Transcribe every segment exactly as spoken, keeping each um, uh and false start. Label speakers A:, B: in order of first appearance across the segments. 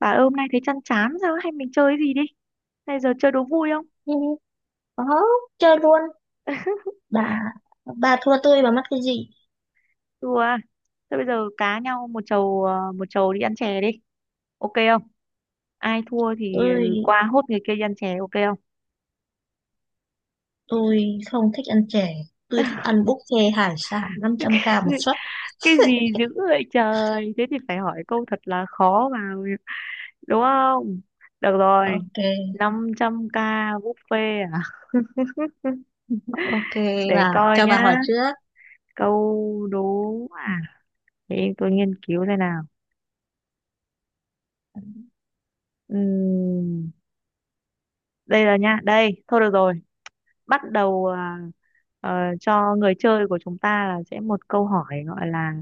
A: Bà ơi, hôm nay thấy chăn chán sao ấy? Hay mình chơi cái gì đi. Bây giờ chơi đố vui không?
B: Ừ, có chơi luôn bà bà thua tôi bà mắc cái gì?
A: Đùa à? Thôi bây giờ cá nhau một chầu ờ, một chầu đi ăn chè đi, ok không? Ai thua thì
B: tôi
A: ừ, qua hốt người kia đi ăn chè, ok không?
B: tôi không thích ăn chè. Tôi thích ăn buffet hải sản năm trăm k một
A: cái
B: suất.
A: cái gì dữ vậy trời? Thế thì phải hỏi câu thật là khó vào, đúng không? Được rồi.
B: Ok,
A: năm trăm k buffet à?
B: ok.
A: Để
B: Bà
A: coi
B: cho bà hỏi
A: nhá.
B: trước.
A: Câu đố à? Để tôi nghiên cứu thế nào. Ừm, Đây là nha, đây thôi, được rồi. Bắt đầu à, ờ, cho người chơi của chúng ta là sẽ một câu hỏi gọi là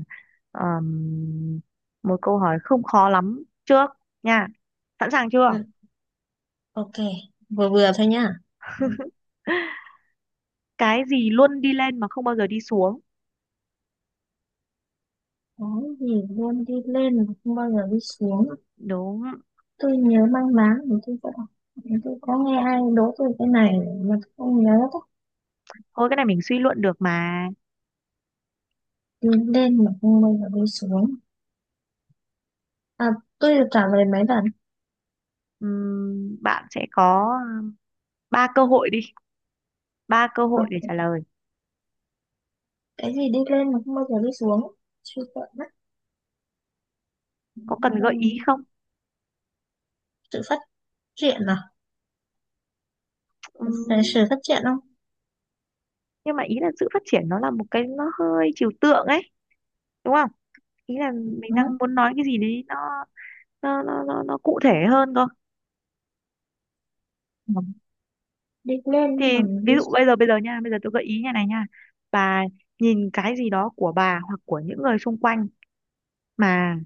A: ờm, một câu hỏi không khó lắm trước nha. Sẵn sàng chưa?
B: ừ, ok, vừa vừa thôi nhá.
A: Cái gì luôn đi lên mà không bao giờ đi xuống?
B: Có gì luôn đi lên mà không bao giờ đi xuống?
A: Đúng.
B: Tôi nhớ mang máng thì tôi có đọc. Thì tôi có nghe ai đố tôi cái này mà tôi không nhớ đó.
A: Thôi, cái này mình suy luận được mà.
B: Đi lên mà không bao giờ đi xuống, à, tôi được trả lời mấy lần.
A: Ừm, bạn sẽ có ừm, ba cơ hội đi ba cơ hội để trả
B: Ok,
A: lời.
B: cái gì đi lên mà không bao giờ đi xuống, suy sợ mất.
A: Có cần gợi ý không?
B: Sự phát triển à? Về
A: Ừm,
B: sự phát triển không?
A: nhưng mà ý là sự phát triển nó là một cái, nó hơi trừu tượng ấy, đúng không? Ý là mình
B: Đó.
A: đang muốn nói cái gì đấy, nó nó nó nó, nó cụ thể hơn cơ.
B: Ừ. Đi lên mà
A: Thì ví
B: đi.
A: dụ bây giờ bây giờ nha bây giờ tôi gợi ý như này nha. Bà nhìn cái gì đó của bà hoặc của những người xung quanh mà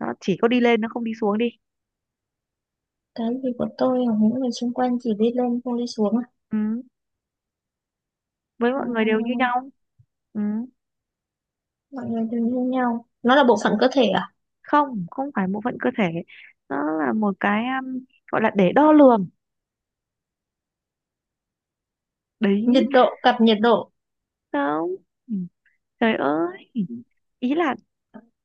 A: nó chỉ có đi lên, nó không đi xuống đi.
B: Cái gì của tôi và những người xung quanh chỉ đi lên không đi xuống à?
A: Ừ. Với mọi người đều như
B: Ờ,
A: nhau. Ừ.
B: mọi người đều như nhau, nó là bộ phận cơ thể à?
A: Không, không phải bộ phận cơ thể. Nó là một cái um, gọi là để đo lường đấy.
B: Nhiệt độ, cặp nhiệt độ.
A: Không. Ừ. Trời ơi. ý là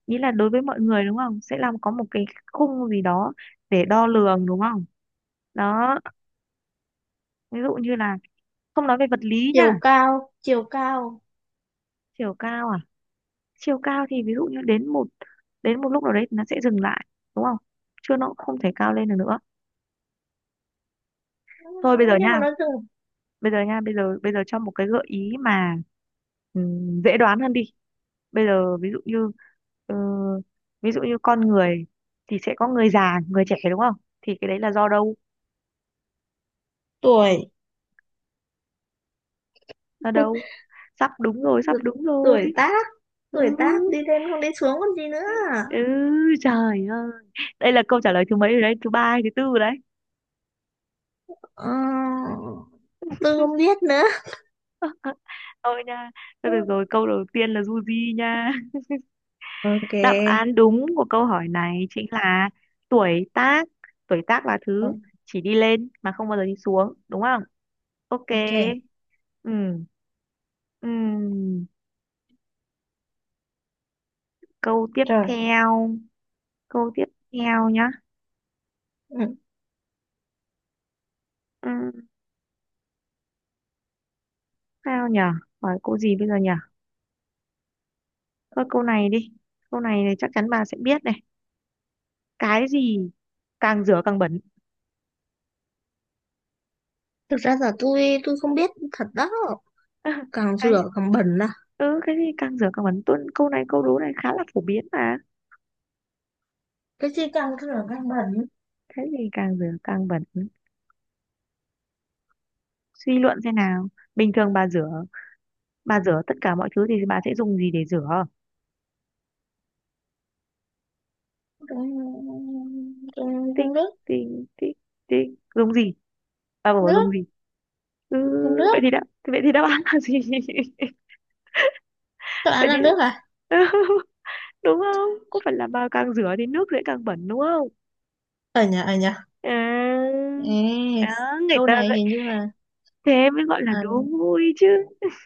A: ý là đối với mọi người, đúng không, sẽ làm có một cái khung gì đó để đo lường, đúng không? Đó. Ví dụ như là không nói về vật lý
B: chiều
A: nha.
B: cao chiều cao
A: Chiều cao à? Chiều cao thì ví dụ như đến một đến một lúc nào đấy thì nó sẽ dừng lại, đúng không? Chứ nó cũng không thể cao lên được nữa.
B: Ừ,
A: Thôi bây giờ
B: nhưng
A: nha
B: mà nó dừng.
A: bây giờ nha bây giờ bây giờ cho một cái gợi ý mà ừm, dễ đoán hơn đi. Bây giờ ví dụ như ờ, ví dụ như con người thì sẽ có người già người trẻ, đúng không? Thì cái đấy là do đâu?
B: Tuổi.
A: Do đâu? Sắp đúng rồi, sắp đúng rồi.
B: Tuổi tác. Tuổi
A: Ừ.
B: tác đi lên không đi xuống còn gì nữa.
A: Ừ. Trời ơi. Đây là câu trả lời thứ mấy rồi đấy? Thứ ba hay thứ tư rồi đấy.
B: Ờ, tôi không biết nữa.
A: Thôi nha. Thôi
B: Ừ.
A: được rồi, câu đầu tiên là du di nha.
B: Ok.
A: Đáp án đúng của câu hỏi này chính là tuổi tác. Tuổi tác là
B: Ừ,
A: thứ chỉ đi lên mà không bao giờ đi xuống, đúng không? Ok.
B: ok.
A: Ừ. Ừ. Câu tiếp
B: Trời.
A: theo. Câu tiếp theo nhá.
B: Ừ.
A: Ừ. Sao nhở? Hỏi câu gì bây giờ nhở? Thôi câu này đi. Câu này, này chắc chắn bà sẽ biết này. Cái gì càng rửa càng bẩn?
B: Thực ra là tôi tôi không biết thật đó. Càng
A: cái
B: rửa càng bẩn à?
A: ừ, cái gì càng rửa càng bẩn? Tuân câu này, câu đố này khá là phổ biến mà.
B: Cái gì càng rửa càng bẩn?
A: Thế thì càng rửa càng bẩn, suy luận xem nào. Bình thường bà rửa bà rửa tất cả mọi thứ thì bà sẽ dùng gì để rửa?
B: trong trong
A: tinh
B: trong nước.
A: tinh tinh tinh dùng gì? À, bà bảo dùng
B: Nước,
A: gì? Ừ.
B: trong nước.
A: vậy thì đáp Vậy thì đáp án là gì?
B: Tôi ăn
A: Vậy
B: là
A: thì đáp...
B: nước à?
A: Đúng không, có phải là bà càng rửa thì nước sẽ càng bẩn, đúng không?
B: Ở nhà, ở nhà.
A: À. À,
B: Yes.
A: người
B: Câu
A: ta
B: này
A: vậy.
B: hình như là,
A: Thế mới gọi là
B: à,
A: đố vui chứ.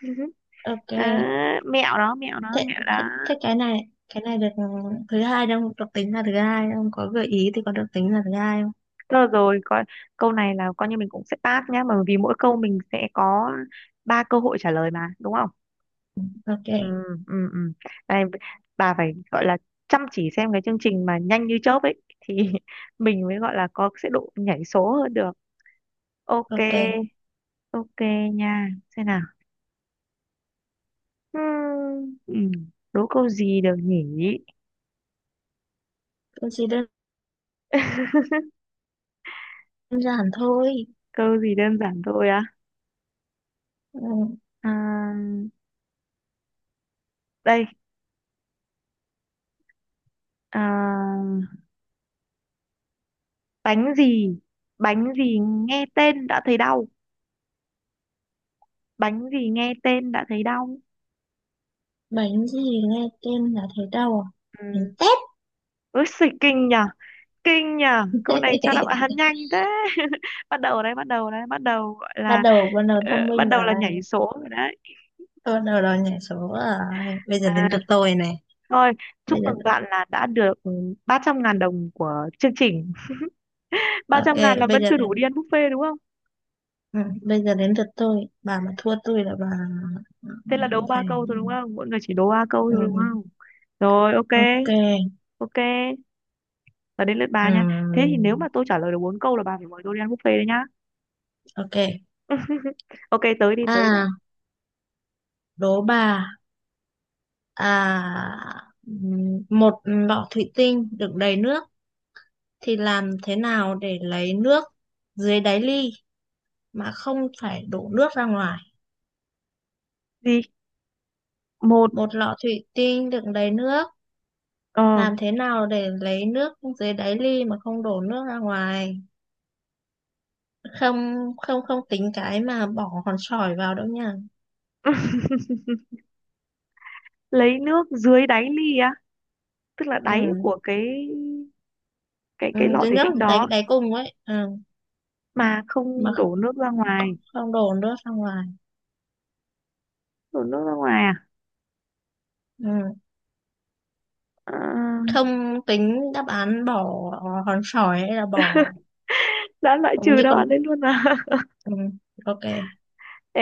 B: ok.
A: À, mẹo đó, mẹo đó,
B: thế,
A: mẹo đó.
B: thế, thế cái này cái này được. Thứ hai đâu được tính là thứ hai không, có gợi ý thì có được tính là thứ hai không?
A: Rồi. Rồi coi. Câu này là coi như mình cũng sẽ pass nhá, bởi vì mỗi câu mình sẽ có ba cơ hội trả lời mà, đúng không? Ừ.
B: Ok,
A: Ừ. Ừ. Này, bà phải gọi là chăm chỉ xem cái chương trình mà nhanh như chớp ấy thì mình mới gọi là có sẽ độ nhảy số hơn được. Ok.
B: ok.
A: Ok nha. Xem nào. Hmm, ừ, đố câu gì được nhỉ?
B: Tôi chỉ đơn giản thôi.
A: Câu gì đơn giản thôi á?
B: Ừ.
A: À, đây. À, bánh gì? Bánh gì nghe tên đã thấy đau? Bánh gì nghe tên đã thấy đau?
B: Bánh gì nghe tên là thấy đau à? Bánh
A: Ừ.
B: tét.
A: Ôi xì, kinh nhở. Kinh nhở, câu này cho đáp án nhanh thế. Bắt đầu đấy, bắt đầu đấy, bắt đầu gọi
B: bắt
A: là
B: đầu bắt đầu
A: ờ,
B: thông
A: bắt
B: minh
A: đầu là
B: rồi.
A: nhảy số rồi đấy.
B: Bắt đầu rồi, nhảy số rồi, bây giờ đến
A: À,
B: lượt tôi này.
A: thôi, chúc
B: Bây giờ,
A: mừng bạn là đã được ba trăm ngàn đồng của chương trình. ba
B: ok,
A: trăm ngàn là
B: bây
A: vẫn
B: giờ
A: chưa đủ
B: đến
A: đi ăn buffet, đúng không?
B: ừ, bây giờ đến lượt tôi. Bà mà thua tôi là bà,
A: Thế là
B: ừ,
A: đố ba
B: phải.
A: câu thôi đúng không? Mỗi người chỉ đố ba câu thôi, đúng không?
B: ừ,
A: Rồi. Ok.
B: ok.
A: Ok, là đến lượt bà nha. Thế thì
B: ừ,
A: nếu mà tôi trả lời được bốn câu là bà phải mời tôi đi ăn buffet đấy nhá.
B: ok.
A: Ok, tới đi, tới đã.
B: À, đố bà. À, ừm, một lọ thủy tinh đựng đầy nước thì làm thế nào để lấy nước dưới đáy ly mà không phải đổ nước ra ngoài?
A: Gì? Một?
B: Một lọ thủy tinh đựng đầy nước,
A: ờ
B: làm thế nào để lấy nước dưới đáy ly mà không đổ nước ra ngoài? Không không không tính cái mà bỏ hòn sỏi vào đâu nha.
A: lấy nước dưới đáy ly á? Tức là
B: Ừ.
A: đáy của cái cái
B: Ừ,
A: cái lọ
B: dưới
A: thủy
B: nước
A: tinh
B: đáy
A: đó
B: đáy cùng ấy. Ừ.
A: mà
B: Mà
A: không đổ nước ra
B: không,
A: ngoài,
B: không đổ nước ra ngoài.
A: đổ nước ra ngoài à?
B: Ừ.
A: Ờ.
B: Không tính đáp án bỏ hòn sỏi hay là bỏ,
A: Đã loại
B: cũng
A: trừ
B: như
A: đáp
B: con.
A: án đấy luôn à?
B: Ừ. Ok.
A: Ê,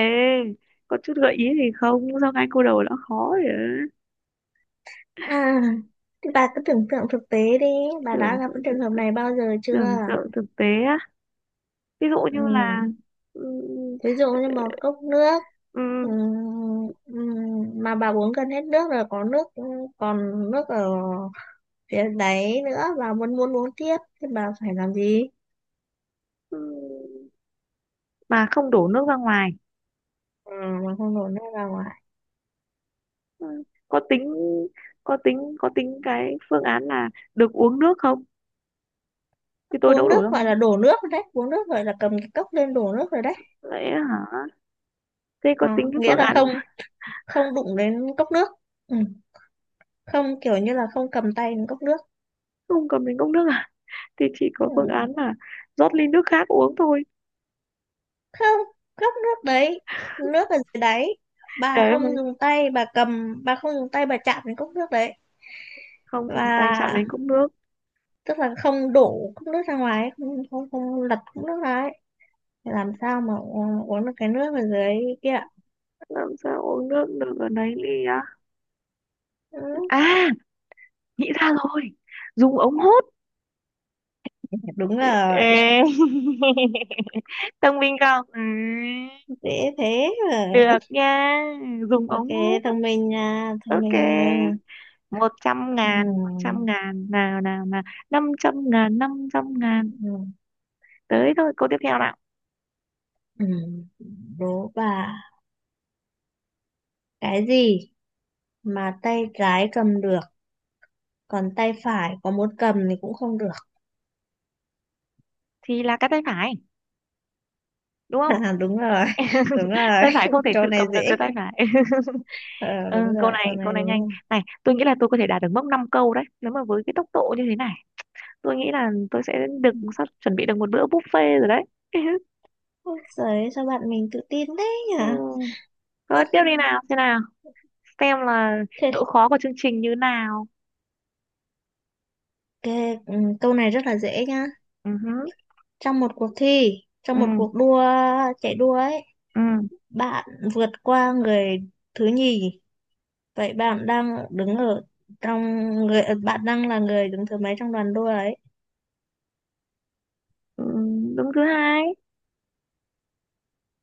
A: có chút gợi ý gì không, sao ngay câu đầu đã khó rồi á?
B: À, thì bà cứ tưởng tượng thực tế đi, bà đã
A: tưởng
B: gặp cái
A: tượng thực
B: trường hợp này bao giờ chưa?
A: Tưởng tượng thực tế á, ví dụ
B: Ừ.
A: như là ừm,
B: Thí dụ như một cốc nước,
A: ừm,
B: ừ, ừ, mà bà uống gần hết nước rồi, có nước, ừ, còn nước ở phía đáy nữa và muốn muốn uống tiếp thì bà phải làm gì?
A: ừm, mà không đổ nước ra ngoài.
B: Ừ, mà không đổ nước ra ngoài.
A: Ừ, có tính có tính có tính cái phương án là được uống nước không, thì tôi
B: Uống
A: đâu đổ
B: nước
A: ra
B: gọi
A: ngoài?
B: là đổ nước rồi đấy, uống nước gọi là cầm cái cốc lên đổ nước rồi đấy.
A: Lẽ hả? Thế có
B: Ờ,
A: tính cái
B: nghĩa
A: phương
B: là
A: án
B: không,
A: là
B: không đụng đến cốc nước. Ừ. Không, kiểu như là không cầm tay đến cốc nước.
A: không cầm đến cốc nước à? Thì chỉ có
B: Ừ.
A: phương án là rót ly nước khác uống thôi.
B: Không, cốc nước đấy, nước ở dưới đáy, bà
A: Trời
B: không
A: ơi,
B: dùng tay bà cầm, bà không dùng tay bà chạm đến cốc nước đấy.
A: không dùng tay chạm
B: Và
A: đến cốc nước,
B: tức là không đổ cốc nước ra ngoài ấy, không không, không lật cốc nước ra ấy. Thì làm sao mà u- uống được cái nước ở dưới kia ạ?
A: làm sao uống nước được ở đấy ly á?
B: Ừ,
A: À, nghĩ ra rồi, dùng ống hút.
B: đúng rồi.
A: Ê. Thông minh không? Ừ.
B: Dễ thế mà.
A: Được nha, dùng
B: Ok,
A: ống hút.
B: thông minh nha, thông
A: Ok.
B: minh nha.
A: một trăm
B: Ừ,
A: ngàn một trăm ngàn nào nào nào. Năm trăm ngàn, năm trăm ngàn.
B: ừ,
A: Tới thôi, câu tiếp theo nào.
B: ừ. Đố bà, cái gì mà tay trái cầm được còn tay phải có muốn cầm thì cũng không được?
A: Thì là cái tay phải đúng không?
B: À, đúng rồi, đúng rồi,
A: Tay phải không thể
B: câu
A: tự
B: này
A: cầm được
B: dễ.
A: cái tay phải.
B: Ờ,
A: Ừ,
B: đúng
A: câu
B: rồi, câu
A: này câu
B: này
A: này
B: đúng
A: nhanh.
B: rồi.
A: Này, tôi nghĩ là tôi có thể đạt được mốc năm câu đấy nếu mà với cái tốc độ như thế này tôi nghĩ là tôi sẽ được, sắp chuẩn bị được một bữa buffet rồi đấy.
B: Ôi giời, sao bạn mình tự tin thế nhỉ?
A: Ừ. Thôi tiếp đi nào, thế nào, xem là
B: Thế
A: độ khó của chương trình như nào.
B: cái, ừ, câu này rất là dễ nhá.
A: Ừ. Hứ.
B: Trong một cuộc thi, trong một
A: Ừ.
B: cuộc đua chạy đua ấy,
A: Ừ.
B: bạn vượt qua người thứ nhì. Vậy bạn đang đứng ở trong người, ờ, bạn đang là người đứng thứ mấy trong đoàn đua ấy?
A: Ừ, đứng thứ hai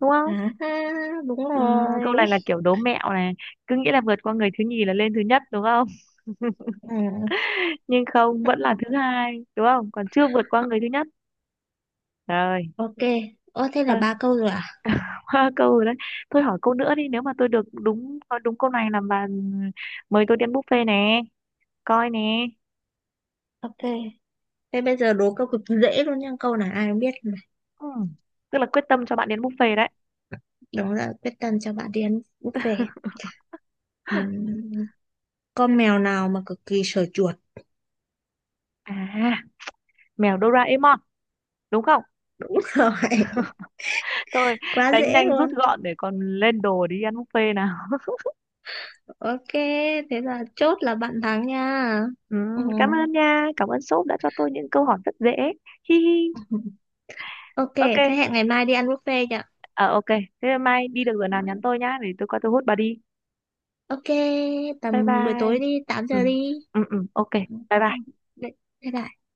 A: đúng không?
B: À, ha, đúng
A: Ừm, Câu
B: rồi.
A: này là kiểu đố mẹo này, cứ nghĩ là vượt qua người thứ nhì là lên thứ nhất đúng không?
B: Ừ,
A: Nhưng không, vẫn là thứ hai đúng không, còn chưa vượt qua người thứ nhất. Rồi.
B: ok. Ồ, thế là
A: Thôi,
B: ba câu rồi à?
A: câu rồi đấy. Thôi hỏi câu nữa đi, nếu mà tôi được đúng nói đúng câu này là bà mời tôi đi ăn buffet nè. Coi nè.
B: Ok. Thế bây giờ đố câu cực dễ luôn nha, câu này ai cũng biết mà.
A: Ừm, Tức là quyết tâm cho bạn đến buffet đấy.
B: Đó là quyết tâm cho bạn đi ăn buffet. Ừm, Con mèo nào mà cực kỳ sợ chuột?
A: À, mèo Doraemon đúng không?
B: Đúng rồi,
A: Thôi
B: quá
A: đánh
B: dễ
A: nhanh rút
B: luôn.
A: gọn để còn lên đồ đi ăn buffet nào.
B: Ok, thế là chốt là bạn thắng nha. Ừ.
A: Ừm, cảm ơn nha, cảm ơn shop đã cho tôi những câu hỏi rất dễ. Hi hi.
B: Ok, thế
A: Ok.
B: hẹn ngày mai đi ăn buffet nhỉ?
A: Ờ ok, thế mai đi được rồi
B: Ừ.
A: nào, nhắn tôi nhá để tôi qua tôi hút bà đi.
B: Ok,
A: Bye
B: tầm buổi tối
A: bye.
B: đi, tám giờ
A: Ừ.
B: đi.
A: Ừ, ừ, ok.
B: Ừ.
A: Bye
B: Ừ.
A: bye.
B: Bye bye.